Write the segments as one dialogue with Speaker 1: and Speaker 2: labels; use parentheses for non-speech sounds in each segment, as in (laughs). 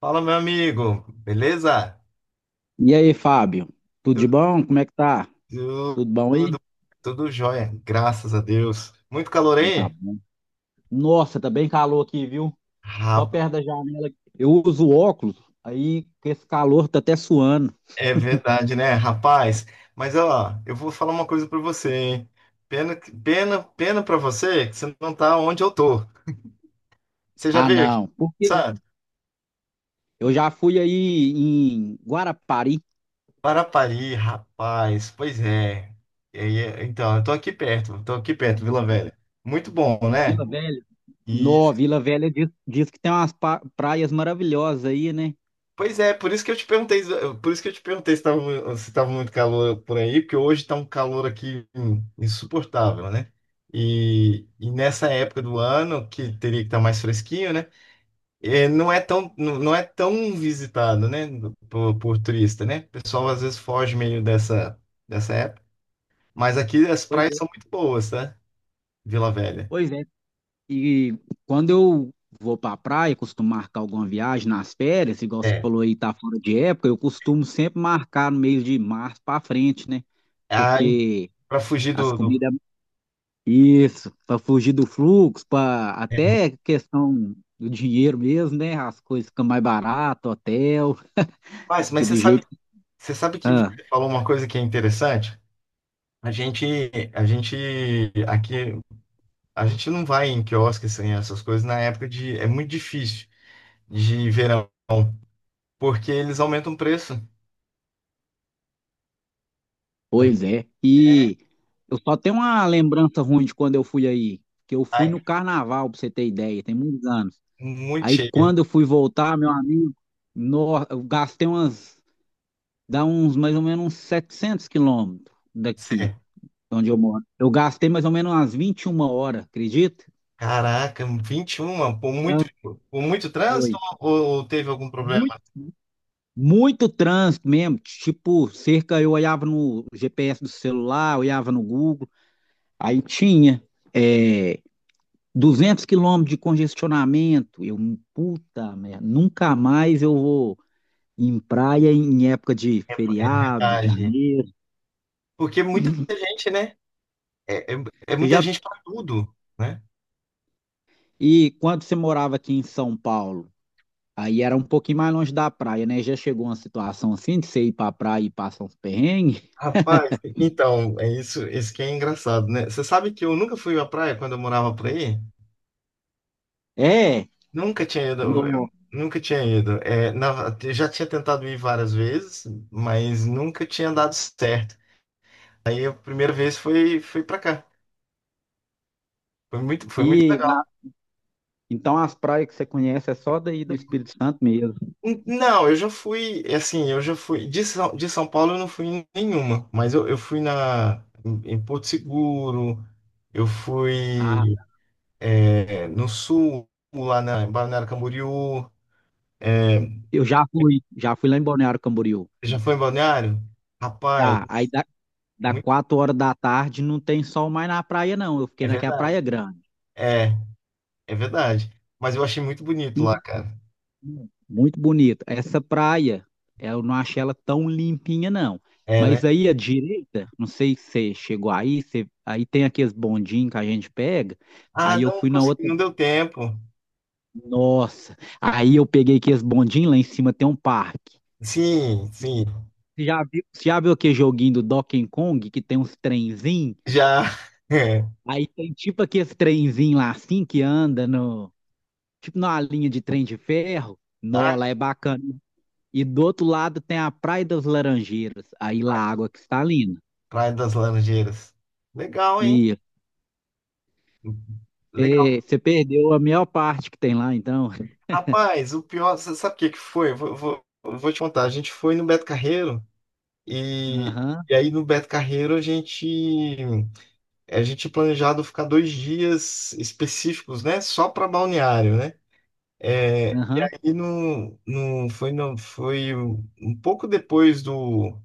Speaker 1: Fala, meu amigo, beleza?
Speaker 2: E aí, Fábio? Tudo de bom? Como é que tá?
Speaker 1: Tudo,
Speaker 2: Tudo bom aí?
Speaker 1: tudo, tudo jóia, graças a Deus. Muito calor
Speaker 2: Então tá
Speaker 1: aí?
Speaker 2: bom. Nossa, tá bem calor aqui, viu? Só
Speaker 1: Rapaz,
Speaker 2: perto da janela. Eu uso óculos, aí com esse calor tá até suando.
Speaker 1: é verdade, né, rapaz? Mas ó, eu vou falar uma coisa pra você, hein? Pena, pena, pena pra você que você não tá onde eu tô. Você já
Speaker 2: Ah,
Speaker 1: veio aqui,
Speaker 2: não. Porque
Speaker 1: sabe?
Speaker 2: eu já fui aí em Guarapari,
Speaker 1: Parapari, rapaz, pois é. E aí, então, eu tô aqui perto, Vila Velha. Muito bom,
Speaker 2: Vila
Speaker 1: né?
Speaker 2: Velha. No, Vila Velha diz que tem umas praias maravilhosas aí, né?
Speaker 1: Pois é, por isso que eu te perguntei, por isso que eu te perguntei se tava muito calor por aí, porque hoje está um calor aqui insuportável, né? E nessa época do ano, que teria que estar mais fresquinho, né? É, não é tão visitado, né? Por turista, né? O pessoal às vezes foge meio dessa, época. Mas aqui as
Speaker 2: Pois
Speaker 1: praias
Speaker 2: é.
Speaker 1: são muito boas, tá? Vila Velha.
Speaker 2: Pois é. E quando eu vou para a praia, costumo marcar alguma viagem nas férias, igual você
Speaker 1: É.
Speaker 2: falou aí, tá fora de época, eu costumo sempre marcar no mês de março para frente, né?
Speaker 1: Ah,
Speaker 2: Porque
Speaker 1: para fugir
Speaker 2: as
Speaker 1: do.
Speaker 2: comidas, isso, para fugir do fluxo, para até questão do dinheiro mesmo, né? As coisas ficam mais barato, hotel,
Speaker 1: Mas
Speaker 2: que do jeito que.
Speaker 1: você sabe que você
Speaker 2: Ah,
Speaker 1: falou uma coisa que é interessante? A gente, a gente aqui, a gente não vai em quiosque assim, essas coisas na época é muito difícil de verão, porque eles aumentam o preço. Sabe?
Speaker 2: pois é. E eu só tenho uma lembrança ruim de quando eu fui aí, que eu fui
Speaker 1: Ai,
Speaker 2: no carnaval, para você ter ideia, tem muitos anos.
Speaker 1: muito
Speaker 2: Aí
Speaker 1: cheio.
Speaker 2: quando eu fui voltar, meu amigo, no, eu gastei umas, dá uns mais ou menos uns 700 quilômetros
Speaker 1: Você,
Speaker 2: daqui, onde eu moro. Eu gastei mais ou menos umas 21 horas, acredita?
Speaker 1: Caraca, 21,
Speaker 2: Trânsito.
Speaker 1: por muito trânsito
Speaker 2: Foi.
Speaker 1: ou teve algum
Speaker 2: Muito,
Speaker 1: problema?
Speaker 2: muito trânsito mesmo, tipo, cerca, eu olhava no GPS do celular, olhava no Google, aí tinha é, 200 quilômetros de congestionamento. Eu, puta merda, nunca mais eu vou em praia em época de
Speaker 1: É, é
Speaker 2: feriado,
Speaker 1: verdade.
Speaker 2: janeiro.
Speaker 1: Porque muita gente, né? É, é, é
Speaker 2: Você
Speaker 1: muita
Speaker 2: já...
Speaker 1: gente para tudo, né?
Speaker 2: E quando você morava aqui em São Paulo, aí era um pouquinho mais longe da praia, né? Já chegou uma situação assim de você ir pra praia e passar uns perrengues? (laughs)
Speaker 1: Rapaz, então, é isso, que é engraçado, né? Você sabe que eu nunca fui à praia quando eu morava por aí?
Speaker 2: É,
Speaker 1: Nunca tinha ido,
Speaker 2: no...
Speaker 1: nunca tinha ido. É, eu já tinha tentado ir várias vezes, mas nunca tinha dado certo. Aí a primeira vez foi para cá. Foi muito
Speaker 2: E na-
Speaker 1: legal.
Speaker 2: então as praias que você conhece é só daí do Espírito Santo mesmo.
Speaker 1: Não, eu já fui, é assim, eu já fui. De São Paulo eu não fui em nenhuma, mas eu fui em Porto Seguro, eu
Speaker 2: Ah,
Speaker 1: fui no sul, lá em Balneário Camboriú. É,
Speaker 2: eu já fui lá em Balneário Camboriú.
Speaker 1: já foi em Balneário? Rapaz,
Speaker 2: Já, aí da
Speaker 1: muito,
Speaker 2: 4 horas da tarde não tem sol mais na praia, não. Eu fiquei
Speaker 1: é
Speaker 2: naquela
Speaker 1: verdade.
Speaker 2: praia grande.
Speaker 1: é É verdade. Mas eu achei muito bonito lá, cara.
Speaker 2: Muito bonita. Essa praia, eu não achei ela tão limpinha, não.
Speaker 1: É, né?
Speaker 2: Mas aí à direita, não sei se você chegou aí, aí tem aqueles bondinhos que a gente pega.
Speaker 1: Ah,
Speaker 2: Aí eu
Speaker 1: não
Speaker 2: fui na
Speaker 1: consegui,
Speaker 2: outra.
Speaker 1: não deu tempo.
Speaker 2: Nossa! Aí eu peguei aqueles bondinhos, lá em cima tem um parque.
Speaker 1: Sim, sim.
Speaker 2: Você já viu aquele joguinho do Donkey Kong que tem uns trenzinhos?
Speaker 1: Já. (laughs) É.
Speaker 2: Aí tem tipo aqueles trenzinhos lá assim que anda no. Tipo numa linha de trem de ferro. Nó,
Speaker 1: Ah,
Speaker 2: lá é bacana. E do outro lado tem a Praia das Laranjeiras, aí lá a água cristalina.
Speaker 1: Praia das Laranjeiras. Legal, hein?
Speaker 2: E
Speaker 1: Legal.
Speaker 2: você perdeu a maior parte que tem lá, então.
Speaker 1: Rapaz, o pior, você sabe o que que foi? Eu vou te contar. A gente foi no Beto Carreiro e,
Speaker 2: Aham,
Speaker 1: e aí no Beto Carreiro a gente tinha planejado ficar 2 dias específicos, né? Só para balneário, né? É, e
Speaker 2: aham.
Speaker 1: aí no, no, foi, no, foi um pouco depois do.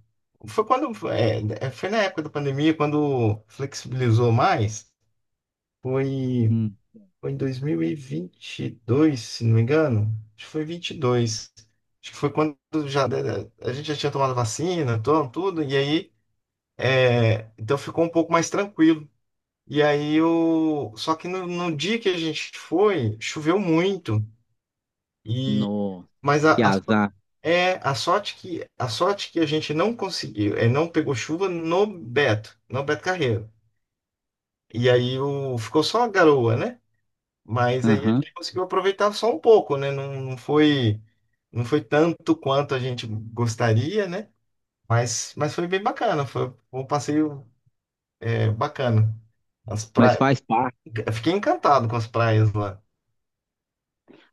Speaker 1: Foi quando. é, foi na época da pandemia, quando flexibilizou mais. Foi,
Speaker 2: Hum,
Speaker 1: Foi em dois mil e vinte e dois, se não me engano. Acho que foi 22. Acho que foi quando já, né, a gente já tinha tomado vacina, tudo, e aí. Então ficou um pouco mais tranquilo. E aí o. Só que no dia que a gente foi, choveu muito.
Speaker 2: Nossa,
Speaker 1: Mas a,
Speaker 2: que
Speaker 1: a sorte-
Speaker 2: azar.
Speaker 1: a sorte que a sorte que a gente não conseguiu, não pegou chuva no Beto, Carreiro. Ficou só a garoa, né? Mas aí a
Speaker 2: Aham.
Speaker 1: gente conseguiu aproveitar só um pouco, né? Não, não foi tanto quanto a gente gostaria, né? Mas foi bem bacana, foi um passeio bacana. As
Speaker 2: Mas
Speaker 1: praias,
Speaker 2: faz parte.
Speaker 1: Fiquei encantado com as praias lá.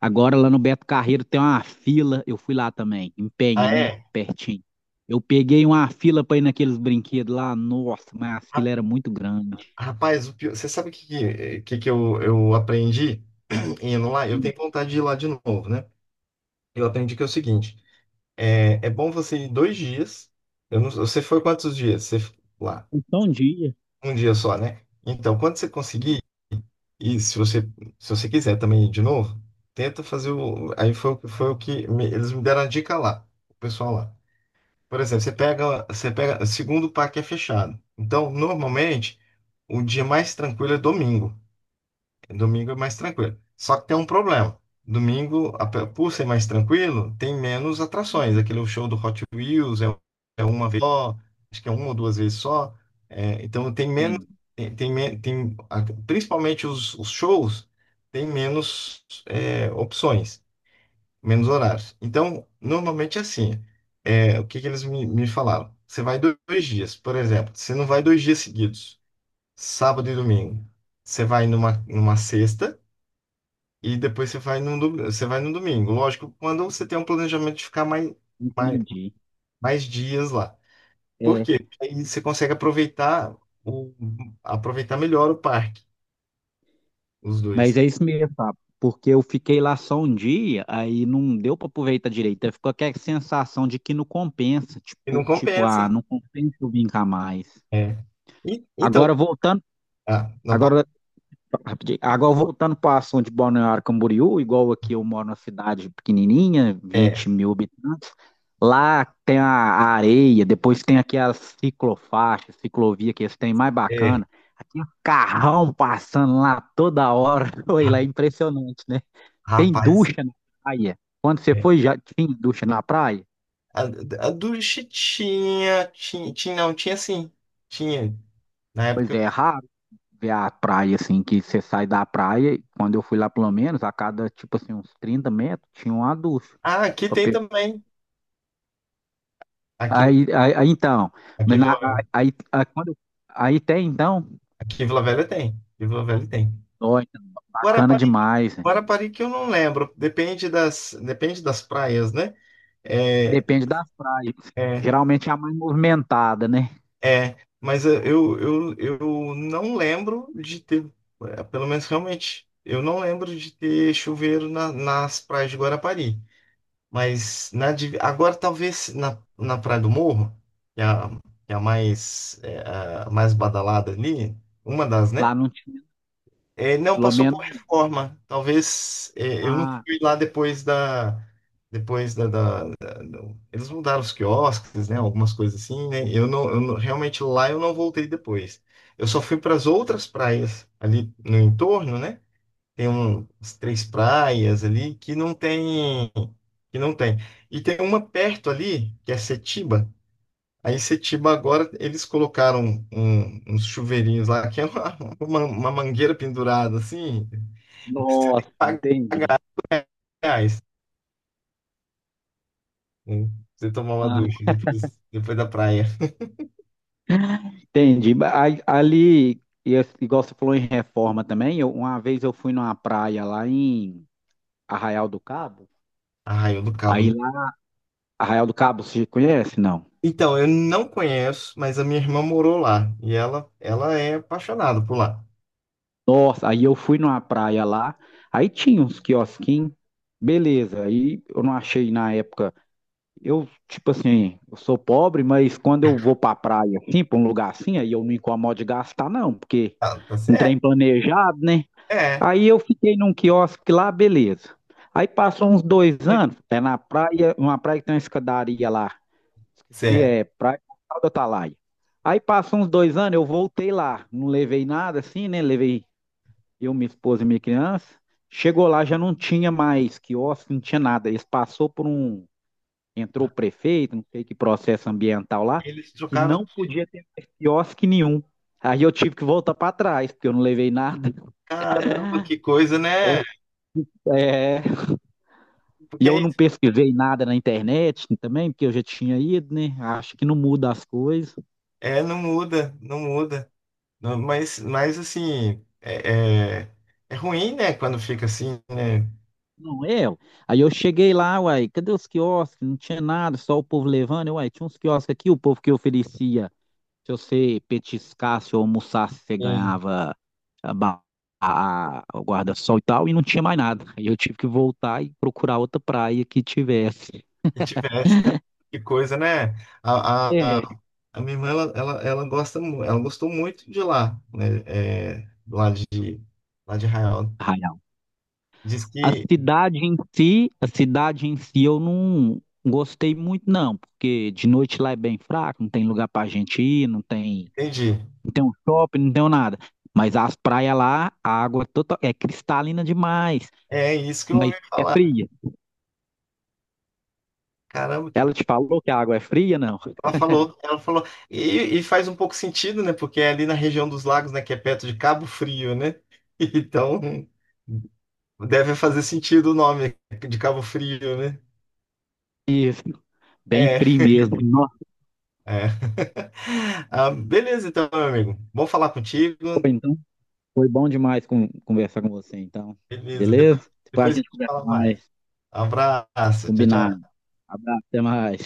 Speaker 2: Agora lá no Beto Carreiro tem uma fila. Eu fui lá também, em
Speaker 1: Ah,
Speaker 2: Penha, né?
Speaker 1: é?
Speaker 2: Pertinho. Eu peguei uma fila para ir naqueles brinquedos lá. Nossa, mas a fila era muito grande.
Speaker 1: Você sabe o que, eu aprendi (clears throat) indo lá? Eu
Speaker 2: Hum,
Speaker 1: tenho vontade de ir lá de novo, né? Eu aprendi que é o seguinte: é bom você ir 2 dias. Eu não- Você foi quantos dias? Você f- lá?
Speaker 2: Então, um dia.
Speaker 1: Um dia só, né? Então, quando você conseguir, e se você quiser também ir de novo, tenta fazer o. Aí foi o que me- eles me deram a dica lá, o pessoal lá. Por exemplo, você pega, segundo o parque é fechado. Então, normalmente, o dia mais tranquilo é domingo. Domingo é mais tranquilo. Só que tem um problema. Domingo, por ser mais tranquilo, tem menos atrações. Aquele show do Hot Wheels é uma vez só, acho que é uma ou duas vezes só. É, então tem menos,
Speaker 2: Entendi.
Speaker 1: tem, tem, men- tem- a- principalmente os shows, tem menos opções, menos horários. Então, normalmente é assim. É, o que que eles me falaram? Você vai 2 dias, por exemplo. Você não vai 2 dias seguidos, sábado e domingo. Você vai numa sexta e depois você vai no domingo. Lógico, quando você tem um planejamento de ficar mais, mais,
Speaker 2: Entendi.
Speaker 1: mais dias lá. Por
Speaker 2: É.
Speaker 1: quê? Porque aí você consegue aproveitar, o, aproveitar melhor o parque, os
Speaker 2: Mas
Speaker 1: dois.
Speaker 2: é isso mesmo, tá? Porque eu fiquei lá só um dia, aí não deu para aproveitar direito. Aí ficou aquela sensação de que não compensa.
Speaker 1: E não
Speaker 2: Tipo, tipo,
Speaker 1: compensa,
Speaker 2: ah,
Speaker 1: né?
Speaker 2: não compensa eu vir cá mais.
Speaker 1: É. Então,
Speaker 2: Agora voltando,
Speaker 1: ah, não
Speaker 2: agora,
Speaker 1: posso.
Speaker 2: rapidinho, agora voltando para o assunto de Balneário Camboriú, igual aqui eu moro numa cidade pequenininha,
Speaker 1: É,
Speaker 2: 20 mil habitantes. Lá tem a areia, depois tem aqui as ciclofaixas, ciclovia que eles têm mais
Speaker 1: é.
Speaker 2: bacana. Aqui um carrão passando lá toda hora. (laughs) Foi lá,
Speaker 1: ra-
Speaker 2: é impressionante, né? Tem
Speaker 1: Rapaz,
Speaker 2: ducha na praia. Quando você
Speaker 1: é.
Speaker 2: foi, já tinha ducha na praia?
Speaker 1: A, a ducha tinha, não, tinha sim. Tinha. Na
Speaker 2: Pois
Speaker 1: época.
Speaker 2: é, é raro ver a praia assim, que você sai da praia. Quando eu fui lá, pelo menos, a cada, tipo assim, uns 30 metros, tinha uma ducha.
Speaker 1: Ah, aqui
Speaker 2: pra
Speaker 1: tem
Speaker 2: pe-
Speaker 1: também. Aqui,
Speaker 2: aí, então,
Speaker 1: aqui,
Speaker 2: mas
Speaker 1: em
Speaker 2: na-
Speaker 1: Vila-
Speaker 2: aí, quando, aí tem então,
Speaker 1: aqui em Vila Velha tem. Aqui em Vila Velha tem.
Speaker 2: nossa, bacana
Speaker 1: Guarapari
Speaker 2: demais, né?
Speaker 1: Guarapari que eu não lembro, depende das praias, né? É,
Speaker 2: Depende das praias.
Speaker 1: é,
Speaker 2: Geralmente é a mais movimentada, né?
Speaker 1: é, mas eu não lembro de ter, pelo menos realmente, eu não lembro de ter chuveiro nas praias de Guarapari. Mas agora talvez na Praia do Morro, que é a, que é a mais, a mais badalada ali, uma das,
Speaker 2: Lá
Speaker 1: né?
Speaker 2: não tinha,
Speaker 1: É, não
Speaker 2: pelo
Speaker 1: passou por
Speaker 2: menos,
Speaker 1: reforma. Talvez eu não
Speaker 2: ah,
Speaker 1: fui lá depois da, da- da- do- eles mudaram os quiosques, né? Algumas coisas assim, né? Eu não- Realmente lá eu não voltei depois. Eu só fui para as outras praias ali no entorno, né? Tem umas 3 praias ali que não tem, que não tem. E tem uma perto ali que é Setiba. Aí Setiba agora eles colocaram uns chuveirinhos lá que é uma, uma mangueira pendurada assim. Você tem
Speaker 2: nossa,
Speaker 1: que pagar
Speaker 2: entendi.
Speaker 1: reais, né? Você tomar uma
Speaker 2: Ah,
Speaker 1: ducha depois da praia. (laughs)
Speaker 2: entendi. Ali, e igual você falou em reforma também, uma vez eu fui numa praia lá em Arraial do Cabo.
Speaker 1: Ah, eu do Cabo.
Speaker 2: Aí lá, Arraial do Cabo, você conhece? Não.
Speaker 1: Então, eu não conheço, mas a minha irmã morou lá. E ela é apaixonada por lá.
Speaker 2: Nossa, aí eu fui numa praia lá, aí tinha uns quiosquinhos, beleza. Aí eu não achei na época. Eu, tipo assim, eu sou pobre, mas quando eu vou pra praia assim, pra um lugar assim, aí eu não incomodo de gastar, não, porque
Speaker 1: Ah, tá
Speaker 2: não
Speaker 1: certo.
Speaker 2: tem planejado, né?
Speaker 1: É,
Speaker 2: Aí eu fiquei num quiosque lá, beleza. Aí passou uns dois
Speaker 1: é.
Speaker 2: anos, na praia, uma praia que tem uma escadaria lá. Esqueci,
Speaker 1: Certo.
Speaker 2: é Praia Portal do Atalaia. Aí passou uns dois anos, eu voltei lá. Não levei nada assim, né? Levei eu, minha esposa e minha criança. Chegou lá, já não tinha mais quiosque, não tinha nada. Eles passou por um. Entrou o prefeito, não sei que processo ambiental lá,
Speaker 1: Eles
Speaker 2: que
Speaker 1: trocaram.
Speaker 2: não podia ter mais quiosque nenhum. Aí eu tive que voltar para trás, porque eu não levei nada.
Speaker 1: Caramba, que coisa, né?
Speaker 2: Oi. É. E
Speaker 1: Porque
Speaker 2: eu
Speaker 1: é,
Speaker 2: não
Speaker 1: isso.
Speaker 2: pesquisei nada na internet também, porque eu já tinha ido, né? Acho que não muda as coisas.
Speaker 1: É, não muda, não muda. Não, mas assim, é ruim, né? Quando fica assim, né?
Speaker 2: Não é? Ué. Aí eu cheguei lá, uai, cadê os quiosques? Não tinha nada, só o povo levando. Eu, uai, tinha uns quiosques aqui, o povo que oferecia, se você petiscasse ou almoçasse, você ganhava a, ba- a- o guarda-sol e tal, e não tinha mais nada. Aí eu tive que voltar e procurar outra praia que tivesse.
Speaker 1: Que tivesse, cara, que coisa, né? A, a,
Speaker 2: É.
Speaker 1: a minha irmã, ela gosta, ela gostou muito de lá, né? É, do lado lá de Israel.
Speaker 2: Aí
Speaker 1: Diz
Speaker 2: a
Speaker 1: que,
Speaker 2: cidade em si, a cidade em si eu não gostei muito não, porque de noite lá é bem fraco, não tem lugar pra gente ir,
Speaker 1: entendi,
Speaker 2: não tem um shopping, não tem um nada. Mas as praias lá, a água é, total, é cristalina demais,
Speaker 1: é isso que eu
Speaker 2: mas
Speaker 1: ouvi
Speaker 2: é
Speaker 1: falar.
Speaker 2: fria.
Speaker 1: Caramba, que
Speaker 2: Ela te falou que a água é fria, não?
Speaker 1: ela falou, ela falou. E faz um pouco sentido, né? Porque é ali na região dos lagos, né? Que é perto de Cabo Frio, né? (laughs) Então, deve fazer sentido o nome de Cabo Frio, né?
Speaker 2: Isso, bem
Speaker 1: É.
Speaker 2: fria mesmo. Nossa,
Speaker 1: É. (laughs) Ah, beleza, então, meu amigo. Bom falar contigo.
Speaker 2: foi, então, foi bom demais conversar com você, então.
Speaker 1: Beleza,
Speaker 2: Beleza? Depois a
Speaker 1: depois a
Speaker 2: gente
Speaker 1: gente
Speaker 2: conversa
Speaker 1: fala mais.
Speaker 2: mais.
Speaker 1: Abraço, tchau,
Speaker 2: Combinado.
Speaker 1: tchau.
Speaker 2: Abraço, até mais.